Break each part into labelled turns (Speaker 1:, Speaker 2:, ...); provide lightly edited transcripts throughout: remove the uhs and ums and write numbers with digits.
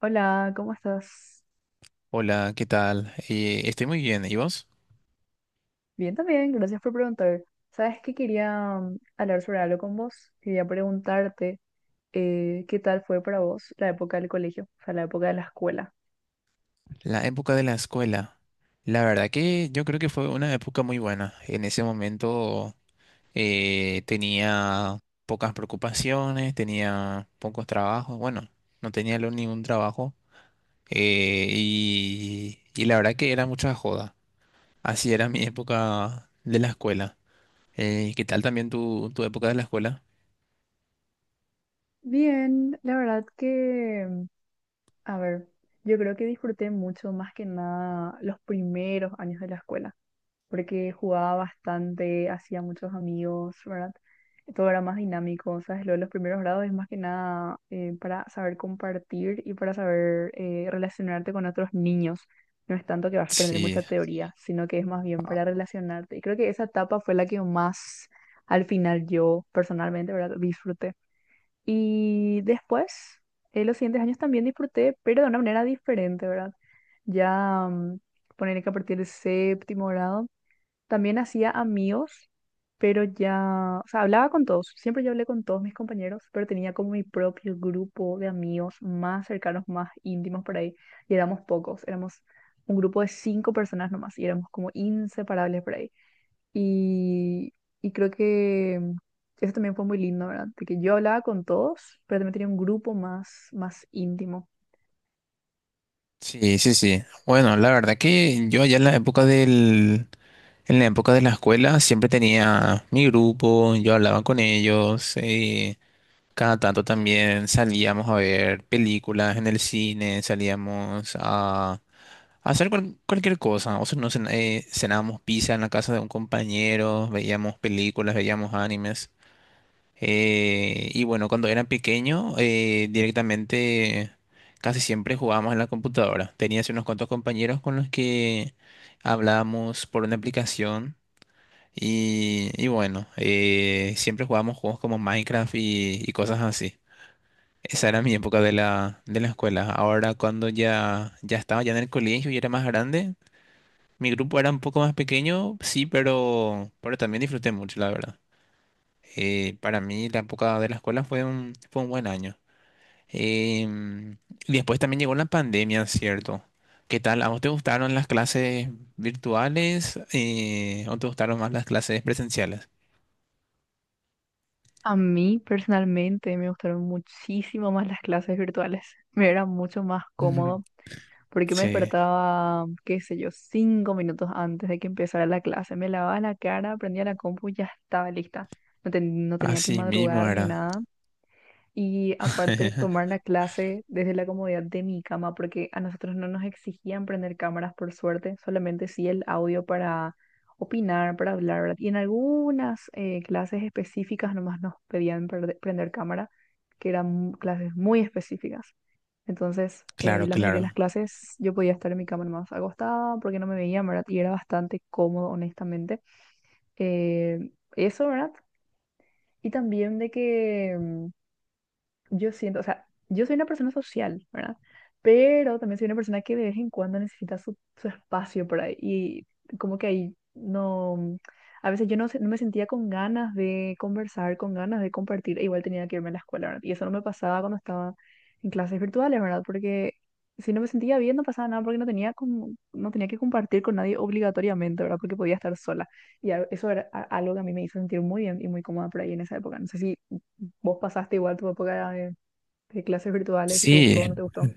Speaker 1: Hola, ¿cómo estás?
Speaker 2: Hola, ¿qué tal? Estoy muy bien. ¿Y vos?
Speaker 1: Bien también, gracias por preguntar. Sabes que quería hablar sobre algo con vos. Quería preguntarte qué tal fue para vos la época del colegio, o sea, la época de la escuela.
Speaker 2: La época de la escuela. La verdad que yo creo que fue una época muy buena. En ese momento tenía pocas preocupaciones, tenía pocos trabajos. Bueno, no tenía ningún trabajo. Y la verdad que era mucha joda. Así era mi época de la escuela. ¿Qué tal también tu época de la escuela?
Speaker 1: Bien, la verdad que, a ver, yo creo que disfruté mucho más que nada los primeros años de la escuela, porque jugaba bastante, hacía muchos amigos, ¿verdad? Todo era más dinámico, o sea, lo de los primeros grados es más que nada para saber compartir y para saber relacionarte con otros niños. No es tanto que vas a aprender mucha
Speaker 2: Sí,
Speaker 1: teoría, sino que es más bien para relacionarte. Y creo que esa etapa fue la que más, al final, yo personalmente, ¿verdad? Disfruté. Y después, los siguientes años también disfruté, pero de una manera diferente, ¿verdad? Ya, poner que a partir del séptimo grado también hacía amigos, pero ya, o sea, hablaba con todos, siempre yo hablé con todos mis compañeros, pero tenía como mi propio grupo de amigos más cercanos, más íntimos por ahí, y éramos pocos, éramos un grupo de 5 personas nomás, y éramos como inseparables por ahí. Y, y creo que eso también fue muy lindo, ¿verdad? De que yo hablaba con todos, pero también tenía un grupo más, más íntimo.
Speaker 2: sí, sí, sí. Bueno, la verdad que yo allá en la época del. En la época de la escuela siempre tenía mi grupo, yo hablaba con ellos, cada tanto también salíamos a ver películas en el cine, salíamos a hacer cualquier cosa, o sea, no cenábamos pizza en la casa de un compañero, veíamos películas, veíamos animes. Y bueno, cuando era pequeño, directamente casi siempre jugábamos en la computadora. Tenía así unos cuantos compañeros con los que hablábamos por una aplicación. Y bueno, siempre jugábamos juegos como Minecraft y cosas así. Esa era mi época de la escuela. Ahora cuando ya estaba ya en el colegio y era más grande, mi grupo era un poco más pequeño, sí, pero también disfruté mucho, la verdad. Para mí la época de la escuela fue un buen año. Em, y después también llegó la pandemia, ¿cierto? ¿Qué tal? ¿A vos te gustaron las clases virtuales o te gustaron más las clases presenciales?
Speaker 1: A mí personalmente me gustaron muchísimo más las clases virtuales. Me era mucho más cómodo, porque me
Speaker 2: Sí,
Speaker 1: despertaba, qué sé yo, 5 minutos antes de que empezara la clase. Me lavaba la cara, prendía la compu y ya estaba lista. No, no tenía que
Speaker 2: así mismo
Speaker 1: madrugar ni
Speaker 2: era.
Speaker 1: nada. Y aparte, tomar la clase desde la comodidad de mi cama, porque a nosotros no nos exigían prender cámaras, por suerte, solamente sí el audio para opinar, para hablar, ¿verdad? Y en algunas clases específicas nomás nos pedían prender cámara, que eran clases muy específicas. Entonces,
Speaker 2: Claro,
Speaker 1: la mayoría de las
Speaker 2: claro.
Speaker 1: clases yo podía estar en mi cama más acostada porque no me veían, ¿verdad? Y era bastante cómodo, honestamente. Eh, eso, ¿verdad? Y también de que yo siento, o sea, yo soy una persona social, ¿verdad? Pero también soy una persona que de vez en cuando necesita su espacio por ahí. Y como que ahí no, a veces yo no, no me sentía con ganas de conversar, con ganas de compartir, e igual tenía que irme a la escuela, ¿verdad? Y eso no me pasaba cuando estaba en clases virtuales, ¿verdad? Porque si no me sentía bien, no pasaba nada porque no tenía, como, no tenía que compartir con nadie obligatoriamente, ¿verdad? Porque podía estar sola. Y eso era algo que a mí me hizo sentir muy bien y muy cómoda por ahí en esa época. No sé si... ¿Vos pasaste igual tu época de clases virtuales, si te gustó o no
Speaker 2: Sí,
Speaker 1: te gustó?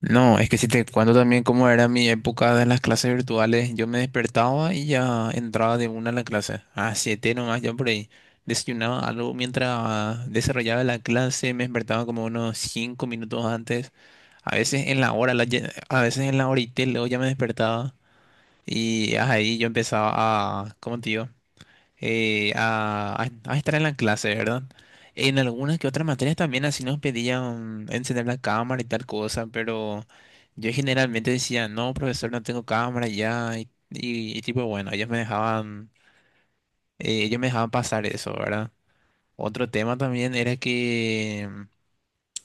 Speaker 2: no, es que si te cuento también cómo era mi época de las clases virtuales, yo me despertaba y ya entraba de una a la clase. A siete nomás, yo por ahí desayunaba algo mientras desarrollaba la clase, me despertaba como unos 5 minutos antes, a veces en la hora, a veces en la horita y luego ya me despertaba y ahí yo empezaba a, ¿cómo te digo? eh, a, a estar en la clase, ¿verdad? En algunas que otras materias también así nos pedían encender la cámara y tal cosa, pero yo generalmente decía, no, profesor, no tengo cámara ya, y tipo, bueno, ellos me dejaban pasar eso, ¿verdad? Otro tema también era que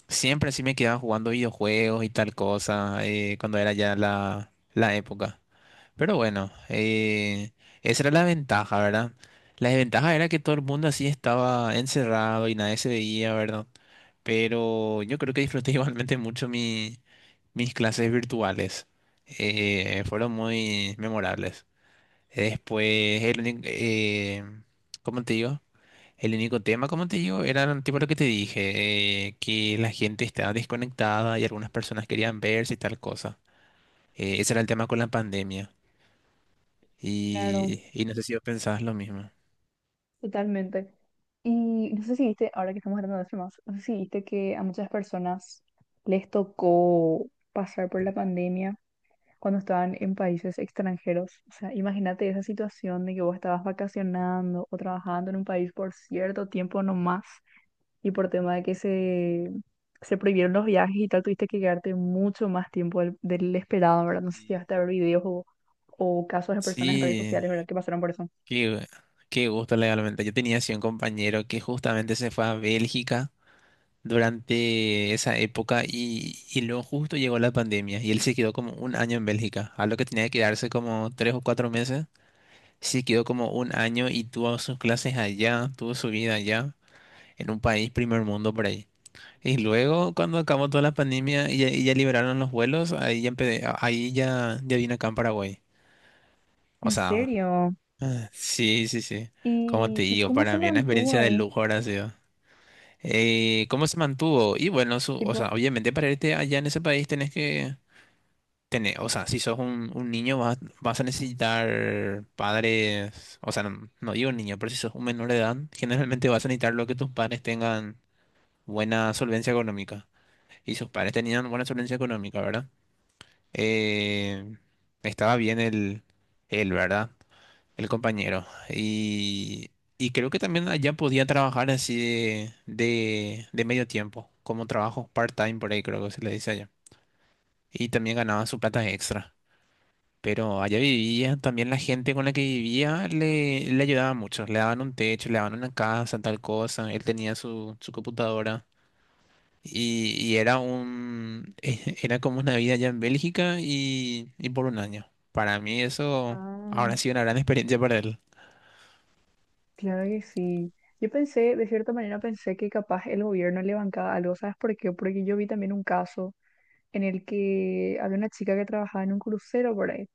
Speaker 2: siempre así me quedaba jugando videojuegos y tal cosa, cuando era ya la época. Pero bueno, esa era la ventaja, ¿verdad? La desventaja era que todo el mundo así estaba encerrado y nadie se veía, ¿verdad? Pero yo creo que disfruté igualmente mucho mis clases virtuales. Fueron muy memorables. Después, ¿cómo te digo? El único tema, como te digo, era tipo lo que te dije, que la gente estaba desconectada y algunas personas querían verse y tal cosa. Ese era el tema con la pandemia.
Speaker 1: Claro,
Speaker 2: Y no sé si vos pensabas lo mismo.
Speaker 1: totalmente. Y no sé si viste, ahora que estamos hablando de temas, no sé si viste que a muchas personas les tocó pasar por la pandemia cuando estaban en países extranjeros. O sea, imagínate esa situación de que vos estabas vacacionando o trabajando en un país por cierto tiempo nomás y por tema de que se prohibieron los viajes y tal, tuviste que quedarte mucho más tiempo del esperado, ¿verdad? No sé si llegaste a ver videos o casos de personas en redes
Speaker 2: Sí,
Speaker 1: sociales, ¿verdad? Que pasaron por eso.
Speaker 2: qué, qué gusto legalmente. Yo tenía así un compañero que justamente se fue a Bélgica durante esa época y luego justo llegó la pandemia y él se quedó como un año en Bélgica, a lo que tenía que quedarse como 3 o 4 meses. Se quedó como un año y tuvo sus clases allá, tuvo su vida allá, en un país primer mundo por ahí. Y luego cuando acabó toda la pandemia y ya liberaron los vuelos, ahí ya vine acá en Paraguay. O
Speaker 1: ¿En
Speaker 2: sea,
Speaker 1: serio?
Speaker 2: sí, sí, sí. Como te
Speaker 1: Y
Speaker 2: digo,
Speaker 1: cómo se
Speaker 2: para mí una
Speaker 1: mantuvo
Speaker 2: experiencia de
Speaker 1: ahí?
Speaker 2: lujo ahora ha sido. ¿Cómo se mantuvo? Y bueno, o
Speaker 1: Tipo,
Speaker 2: sea, obviamente para irte allá en ese país tenés que tener, o sea, si sos un niño vas, a necesitar padres, o sea, no, no digo niño, pero si sos un menor de edad, generalmente vas a necesitar lo que tus padres tengan buena solvencia económica. Y sus padres tenían buena solvencia económica, ¿verdad? Eh, estaba bien el, él, ¿verdad? El compañero. Y creo que también allá podía trabajar así de medio tiempo, como trabajo part-time por ahí, creo que se le dice allá. Y también ganaba su plata extra. Pero allá vivía, también la gente con la que vivía le ayudaba mucho. Le daban un techo, le daban una casa, tal cosa. Él tenía su computadora. Y era como una vida allá en Bélgica y por un año. Para mí eso
Speaker 1: ah,
Speaker 2: ahora ha sido una gran experiencia para él.
Speaker 1: claro que sí. Yo pensé, de cierta manera pensé que capaz el gobierno le bancaba algo, ¿sabes por qué? Porque yo vi también un caso en el que había una chica que trabajaba en un crucero por ahí.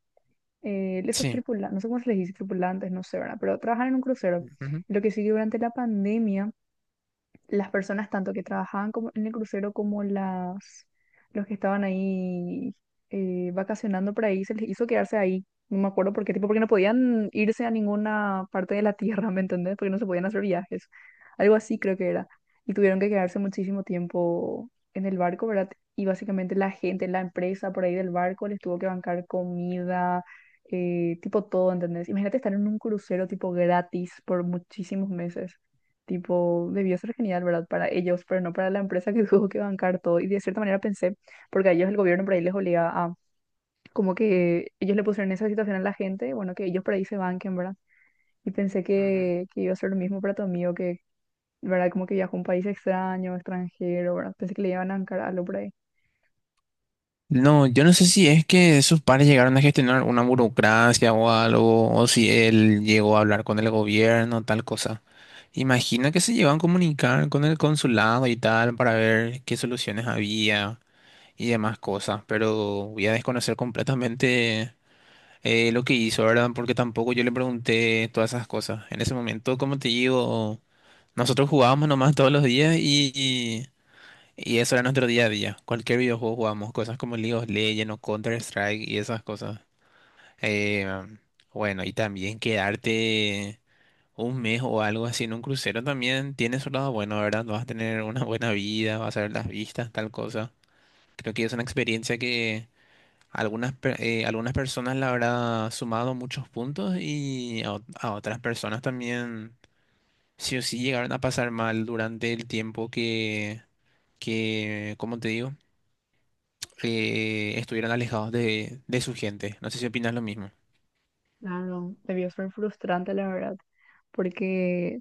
Speaker 1: Esos
Speaker 2: Sí.
Speaker 1: tripulantes, no sé cómo se les dice tripulantes, no sé, ¿verdad? Pero trabajan en un crucero.
Speaker 2: Ujú.
Speaker 1: Lo que sí que durante la pandemia las personas tanto que trabajaban como en el crucero como las los que estaban ahí vacacionando por ahí, se les hizo quedarse ahí. No me acuerdo por qué, tipo, porque no podían irse a ninguna parte de la tierra, ¿me entendés? Porque no se podían hacer viajes. Algo así creo que era. Y tuvieron que quedarse muchísimo tiempo en el barco, ¿verdad? Y básicamente la gente, la empresa por ahí del barco les tuvo que bancar comida, tipo todo, ¿entendés? Imagínate estar en un crucero tipo gratis por muchísimos meses. Tipo, debió ser genial, ¿verdad? Para ellos, pero no para la empresa que tuvo que bancar todo. Y de cierta manera pensé, porque a ellos el gobierno por ahí les obliga a, como que ellos le pusieron esa situación a la gente, bueno, que ellos por ahí se banquen, ¿verdad? Y pensé
Speaker 2: Ujú.
Speaker 1: que iba a ser lo mismo para tu amigo, que, ¿verdad? Como que viajó a un país extraño, extranjero, ¿verdad? Pensé que le iban a bancar algo por ahí.
Speaker 2: No, yo no sé si es que sus padres llegaron a gestionar una burocracia o algo, o si él llegó a hablar con el gobierno, tal cosa. Imagino que se llevan a comunicar con el consulado y tal para ver qué soluciones había y demás cosas, pero voy a desconocer completamente lo que hizo, ¿verdad? Porque tampoco yo le pregunté todas esas cosas. En ese momento, como te digo, nosotros jugábamos nomás todos los días. Y eso era nuestro día a día. Cualquier videojuego jugamos, cosas como League of Legends o Counter-Strike y esas cosas. Eh, bueno, y también quedarte un mes o algo así en un crucero también tiene su lado bueno, ¿verdad? Vas a tener una buena vida, vas a ver las vistas, tal cosa. Creo que es una experiencia que algunas personas la habrá sumado muchos puntos y a otras personas también sí o sí llegaron a pasar mal durante el tiempo que, ¿como te digo? Estuvieran alejados de su gente. No sé si opinas lo mismo.
Speaker 1: Claro, debió ser frustrante, la verdad, porque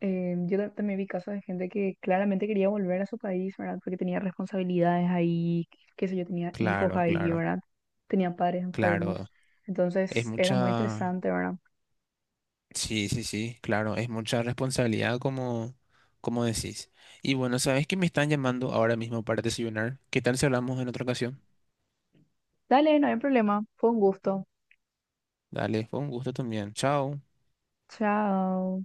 Speaker 1: eh, yo también vi casos de gente que claramente quería volver a su país, ¿verdad? Porque tenía responsabilidades ahí, qué sé yo, tenía hijos
Speaker 2: Claro,
Speaker 1: ahí,
Speaker 2: claro,
Speaker 1: ¿verdad? Tenía padres enfermos.
Speaker 2: claro. Es
Speaker 1: Entonces era muy
Speaker 2: mucha.
Speaker 1: estresante, ¿verdad?
Speaker 2: Sí, sí, sí, claro. Es mucha responsabilidad como decís. Y bueno, sabes que me están llamando ahora mismo para desayunar. ¿Qué tal si hablamos en otra ocasión?
Speaker 1: Dale, no hay problema. Fue un gusto.
Speaker 2: Dale, fue un gusto también. Chao.
Speaker 1: Chao.